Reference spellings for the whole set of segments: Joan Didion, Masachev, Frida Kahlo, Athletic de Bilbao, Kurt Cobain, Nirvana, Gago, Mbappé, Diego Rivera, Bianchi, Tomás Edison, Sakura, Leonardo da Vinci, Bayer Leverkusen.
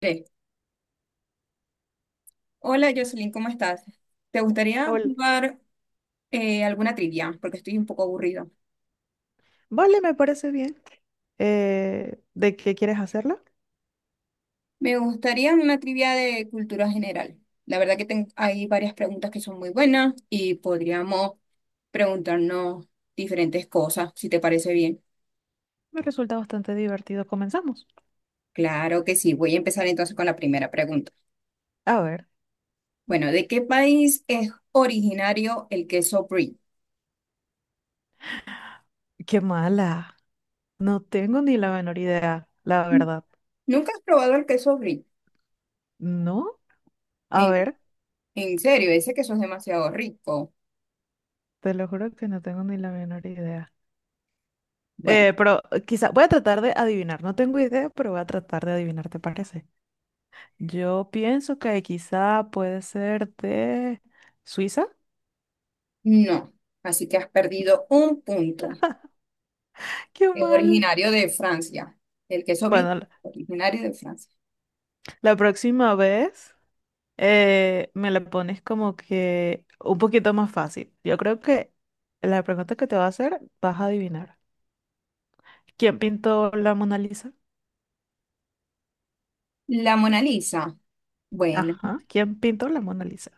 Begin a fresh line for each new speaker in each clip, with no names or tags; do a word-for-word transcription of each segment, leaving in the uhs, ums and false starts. Tres. Hola Jocelyn, ¿cómo estás? ¿Te gustaría
Ol-
jugar eh, alguna trivia? Porque estoy un poco aburrido.
Vale, me parece bien. Eh, ¿de qué quieres hacerla?
Me gustaría una trivia de cultura general. La verdad que ten- hay varias preguntas que son muy buenas y podríamos preguntarnos diferentes cosas, si te parece bien.
Me resulta bastante divertido. Comenzamos.
Claro que sí, voy a empezar entonces con la primera pregunta.
A ver,
Bueno, ¿de qué país es originario el queso brie?
qué mala. No tengo ni la menor idea, la verdad.
¿Nunca has probado el queso brie?
¿No? A
¿En,
ver,
en serio? Ese queso es demasiado rico.
te lo juro que no tengo ni la menor idea.
Bueno.
Eh, pero quizá voy a tratar de adivinar. No tengo idea, pero voy a tratar de adivinar, ¿te parece? Yo pienso que quizá puede ser de Suiza.
No, así que has perdido un punto.
Qué
Es
mal.
originario de Francia. El queso brie,
Bueno, la
originario de Francia.
la próxima vez. Eh, me la pones como que un poquito más fácil. Yo creo que la pregunta que te va a hacer vas a adivinar. ¿Quién pintó la Mona Lisa?
La Mona Lisa. Bueno,
Ajá, ¿quién pintó la Mona Lisa?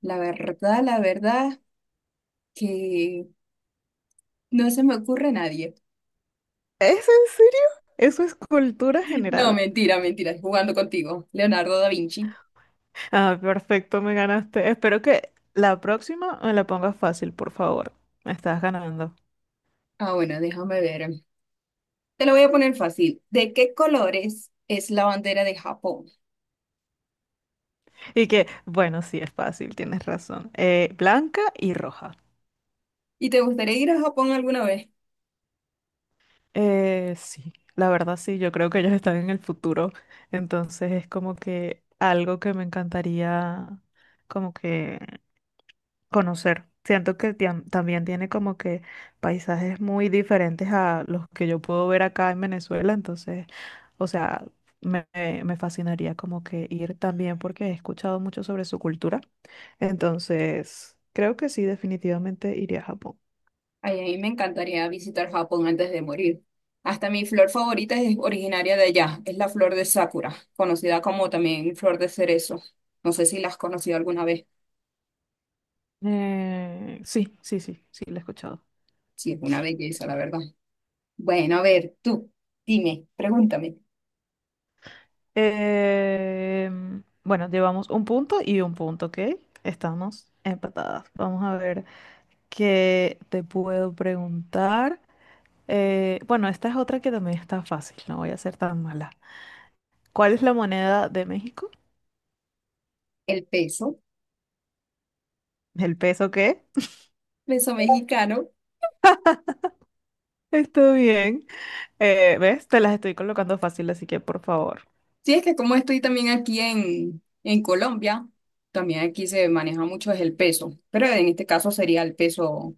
la verdad, la verdad que no se me ocurre a nadie.
¿Es en serio? Eso es cultura
No,
general.
mentira, mentira, jugando contigo. Leonardo da Vinci.
Ah, perfecto, me ganaste. Espero que la próxima me la pongas fácil, por favor. Me estás ganando.
Ah, bueno, déjame ver. Te lo voy a poner fácil. ¿De qué colores es la bandera de Japón?
Y que, bueno, sí, es fácil, tienes razón. Eh, blanca y roja.
¿Y te gustaría ir a Japón alguna vez?
Eh, sí, la verdad sí, yo creo que ellos están en el futuro, entonces es como que algo que me encantaría como que conocer. Siento que tiam- también tiene como que paisajes muy diferentes a los que yo puedo ver acá en Venezuela, entonces, o sea, me, me me fascinaría como que ir también porque he escuchado mucho sobre su cultura, entonces creo que sí, definitivamente iría a Japón.
Ay, a mí me encantaría visitar Japón antes de morir. Hasta mi flor favorita es originaria de allá, es la flor de Sakura, conocida como también flor de cerezo. No sé si la has conocido alguna vez.
Eh, sí, sí, sí, sí, lo he escuchado.
Sí, es una belleza, la verdad. Bueno, a ver, tú, dime, pregúntame,
Em, bueno, llevamos un punto y un punto, ¿ok? Estamos empatadas. Vamos a ver qué te puedo preguntar. Eh, bueno, esta es otra que también está fácil, no voy a ser tan mala. ¿Cuál es la moneda de México?
¿el peso,
¿El peso qué?
peso mexicano?
Está bien. Eh, ¿ves? Te las estoy colocando fácil, así que por favor.
Sí, es que como estoy también aquí en, en Colombia, también aquí se maneja mucho es el peso, pero en este caso sería el peso,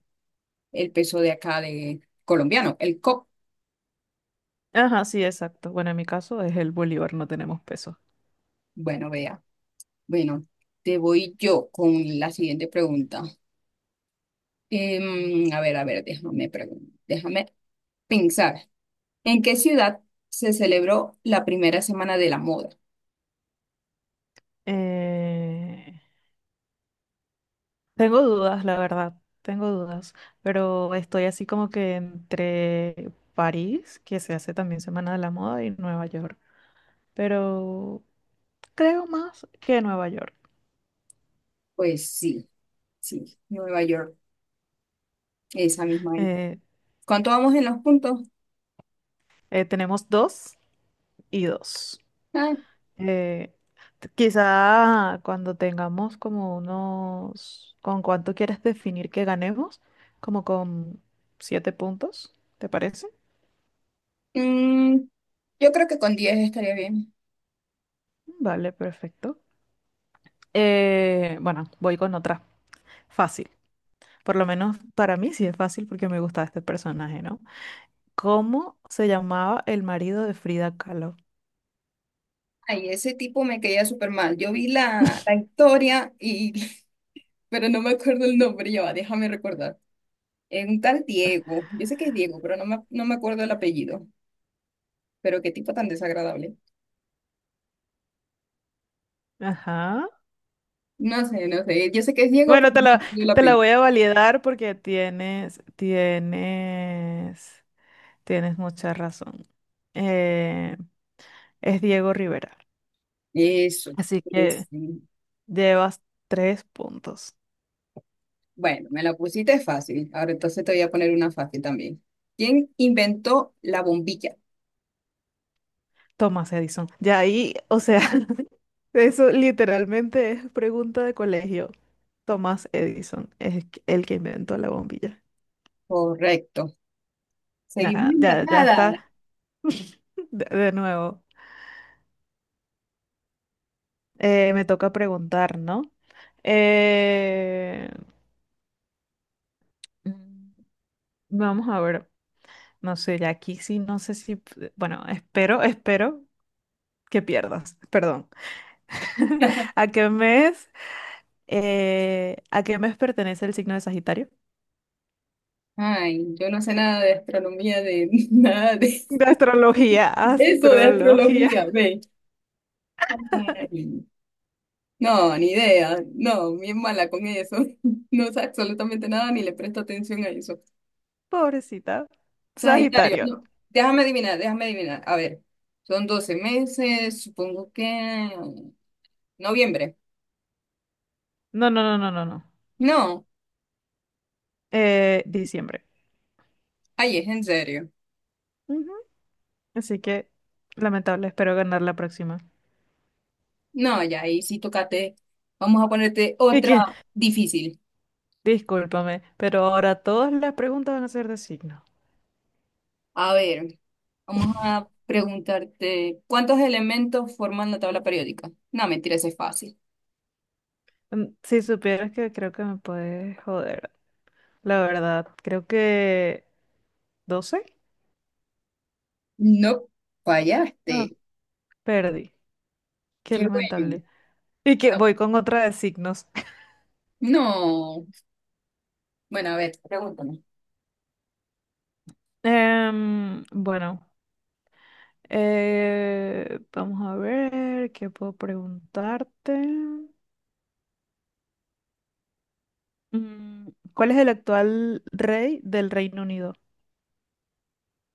el peso de acá de colombiano, el C O P.
Ajá, sí, exacto. Bueno, en mi caso es el bolívar, no tenemos peso.
Bueno, veamos. Bueno, te voy yo con la siguiente pregunta. Em, a ver, a ver, déjame, pregun- déjame pensar. ¿En qué ciudad se celebró la primera semana de la moda?
Eh, Tengo dudas, la verdad, tengo dudas, pero estoy así como que entre París, que se hace también Semana de la Moda, y Nueva York, pero creo más que Nueva York.
Pues sí, sí, Nueva York, esa misma, ahí.
Eh,
¿Cuánto vamos en los puntos?
eh, Tenemos dos y dos.
Ah,
Eh, t- Quizá cuando tengamos como unos, ¿con cuánto quieres definir que ganemos? Como con siete puntos, ¿te parece?
mm, yo creo que con diez estaría bien.
Vale, perfecto. Eh, bueno, voy con otra. Fácil. Por lo menos para mí sí es fácil porque me gustaba este personaje, ¿no? ¿Cómo se llamaba el marido de Frida Kahlo?
Ay, ese tipo me caía súper mal. Yo vi la, la historia y, pero no me acuerdo el nombre, ya va, déjame recordar. Es un tal Diego, yo sé que es Diego, pero no me, no me acuerdo el apellido. Pero qué tipo tan desagradable.
Ajá.
No sé, no sé. Yo sé que es Diego, pero
Bueno,
no
te
me
la,
acuerdo el
te la
apellido.
voy a validar porque tienes, tienes, tienes mucha razón. Eh, es Diego Rivera.
Eso.
Así
Es.
que
mm,
llevas tres puntos.
Bueno, me la pusiste fácil. Ahora entonces te voy a poner una fácil también. ¿Quién inventó la bombilla?
Tomás Edison. Ya ahí, o sea, eso literalmente es pregunta de colegio. Tomás Edison es el que inventó la bombilla.
Correcto. Seguimos
Ajá, ya, ya
empatadas.
está. De, de nuevo. Eh, me toca preguntar, ¿no? Eh, mm, Vamos a ver. No sé, ya aquí sí, no sé si. p- Bueno, espero, espero que pierdas. Perdón. ¿A qué mes? Eh, ¿a qué mes pertenece el signo de Sagitario?
Ay, yo no sé nada de astronomía, de nada de
De astrología,
eso, de
astrología.
astrología, ve. Ay, no, ni idea. No, bien mala con eso. No sé absolutamente nada ni le presto atención a eso.
Pobrecita.
Sagitario,
Sagitario.
no, déjame adivinar, déjame adivinar. A ver, son doce meses, supongo que noviembre.
No, no, no, no, no, no.
No,
Eh, diciembre.
ahí es en serio.
Así que, lamentable, espero ganar la próxima.
No, ya ahí sí tocate. Vamos a ponerte
Y
otra
que,
difícil.
discúlpame, pero ahora todas las preguntas van a ser de signo.
A ver, vamos a preguntarte, ¿cuántos elementos forman la tabla periódica? No, mentira, ese es fácil.
Mm, Si supieras que creo que me puedes joder, la verdad, creo que doce.
No,
Ah,
fallaste.
perdí. Qué
Qué bueno.
lamentable. Y que
No,
voy con otra de signos.
no. Bueno, a ver, pregúntame.
Em, bueno, eh, vamos a ver qué puedo preguntarte. Mm, ¿Cuál es el actual rey del Reino Unido?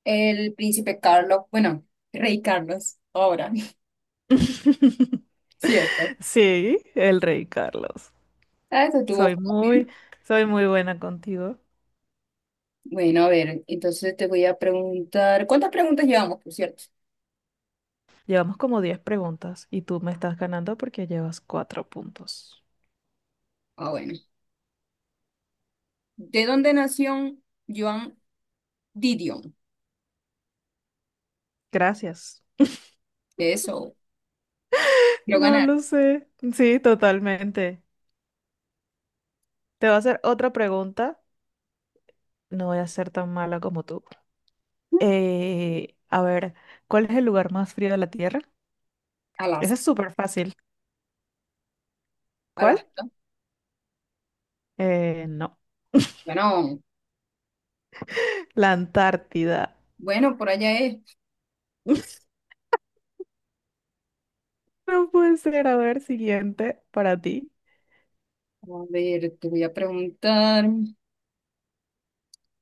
El príncipe Carlos, bueno, rey Carlos, ahora, ¿cierto?
Sí, el rey Carlos.
Ah, eso estuvo
Soy muy,
fácil.
soy muy buena contigo.
Bueno, a ver, entonces te voy a preguntar, ¿cuántas preguntas llevamos, por cierto?
Llevamos como diez preguntas y tú me estás ganando porque llevas cuatro puntos.
Ah, bueno. ¿De dónde nació Joan Didion?
Gracias.
Eso, lo
No lo
ganaron.
sé. Sí, totalmente. Te voy a hacer otra pregunta. No voy a ser tan mala como tú. Eh, a ver, ¿cuál es el lugar más frío de la Tierra? Ese
Alaska,
es súper fácil. ¿Cuál?
Alaska.
Eh, no.
Bueno,
La Antártida.
bueno, por allá es.
No puede ser. A ver, siguiente para ti.
A ver, te voy a preguntar,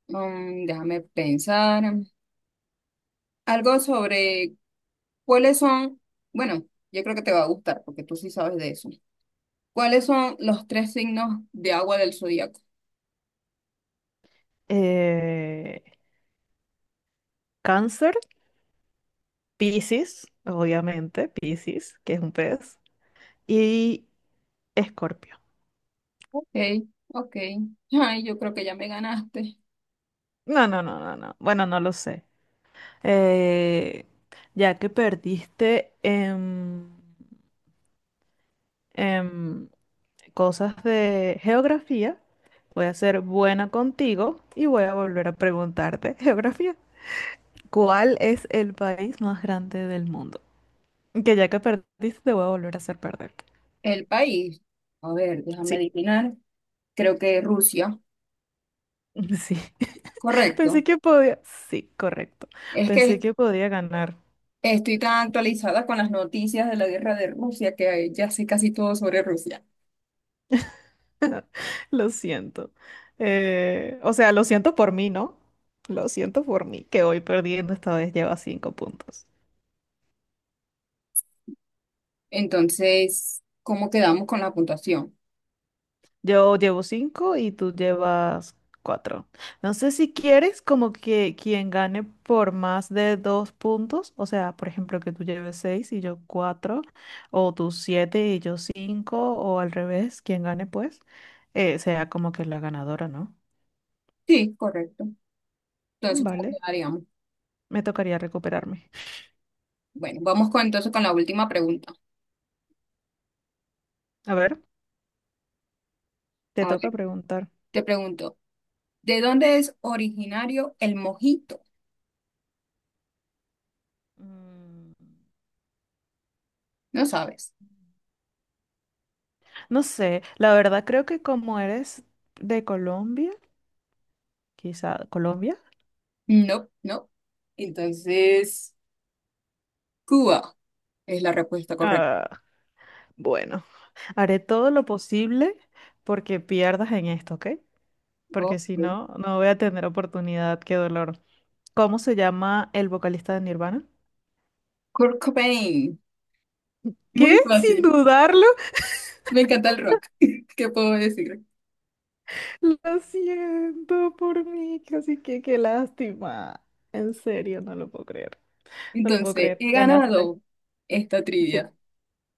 mm, déjame pensar, um, algo sobre cuáles son, bueno, yo creo que te va a gustar porque tú sí sabes de eso. ¿Cuáles son los tres signos de agua del zodiaco?
eh, Cáncer, Piscis, obviamente, Piscis, que es un pez, y Escorpio.
Ok, ok. Ay, yo creo que ya me ganaste.
No, no, no, no, no. Bueno, no lo sé. Eh, ya que perdiste en, en cosas de geografía, voy a ser buena contigo y voy a volver a preguntarte geografía. ¿Cuál es el país más grande del mundo? Que ya que perdiste, te voy a volver a hacer perder.
El país. A ver, déjame
Sí,
adivinar. Creo que Rusia.
sí. Pensé
Correcto.
que podía. Sí, correcto.
Es
Pensé
que
que podía ganar.
estoy tan actualizada con las noticias de la guerra de Rusia que ya sé casi todo sobre Rusia.
Lo siento. Eh, o sea, lo siento por mí, ¿no? Lo siento por mí, que hoy perdiendo esta vez lleva cinco puntos.
Entonces, ¿cómo quedamos con la puntuación?
Yo llevo cinco y tú llevas cuatro. No sé si quieres como que quien gane por más de dos puntos, o sea, por ejemplo, que tú lleves seis y yo cuatro, o tú siete y yo cinco, o al revés, quien gane pues, eh, sea como que la ganadora, ¿no?
Sí, correcto. Entonces, ¿cómo
Vale.
quedaríamos?
Me tocaría recuperarme.
Bueno, vamos con, entonces con la última pregunta.
A ver, te
A
toca
ver,
preguntar.
te pregunto, ¿de dónde es originario el mojito?
Mm,
No sabes.
No sé, la verdad creo que como eres de Colombia, quizá Colombia,
No, no. Entonces, Cuba es la respuesta correcta.
ah, bueno, haré todo lo posible porque pierdas en esto, ¿ok? Porque si
Ok.
no, no voy a tener oportunidad, qué dolor. ¿Cómo se llama el vocalista de Nirvana?
Kurt Cobain.
¿Qué?
Muy
Sin
fácil.
dudarlo.
Me encanta el rock. ¿Qué puedo decir?
Lo siento por mí, casi que qué lástima. En serio, no lo puedo creer. No lo puedo
Entonces,
creer.
he
Ganaste.
ganado esta
Sí.
trivia.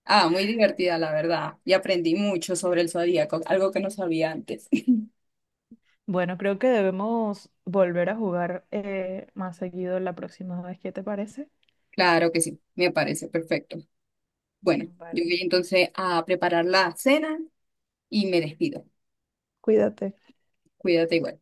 Ah, muy divertida, la verdad. Y aprendí mucho sobre el zodíaco, algo que no sabía antes.
Bueno, creo que debemos volver a jugar eh, más seguido la próxima vez. ¿Qué te parece?
Claro que sí, me parece perfecto. Bueno, yo
Vale.
voy entonces a preparar la cena y me despido.
Cuídate.
Cuídate igual.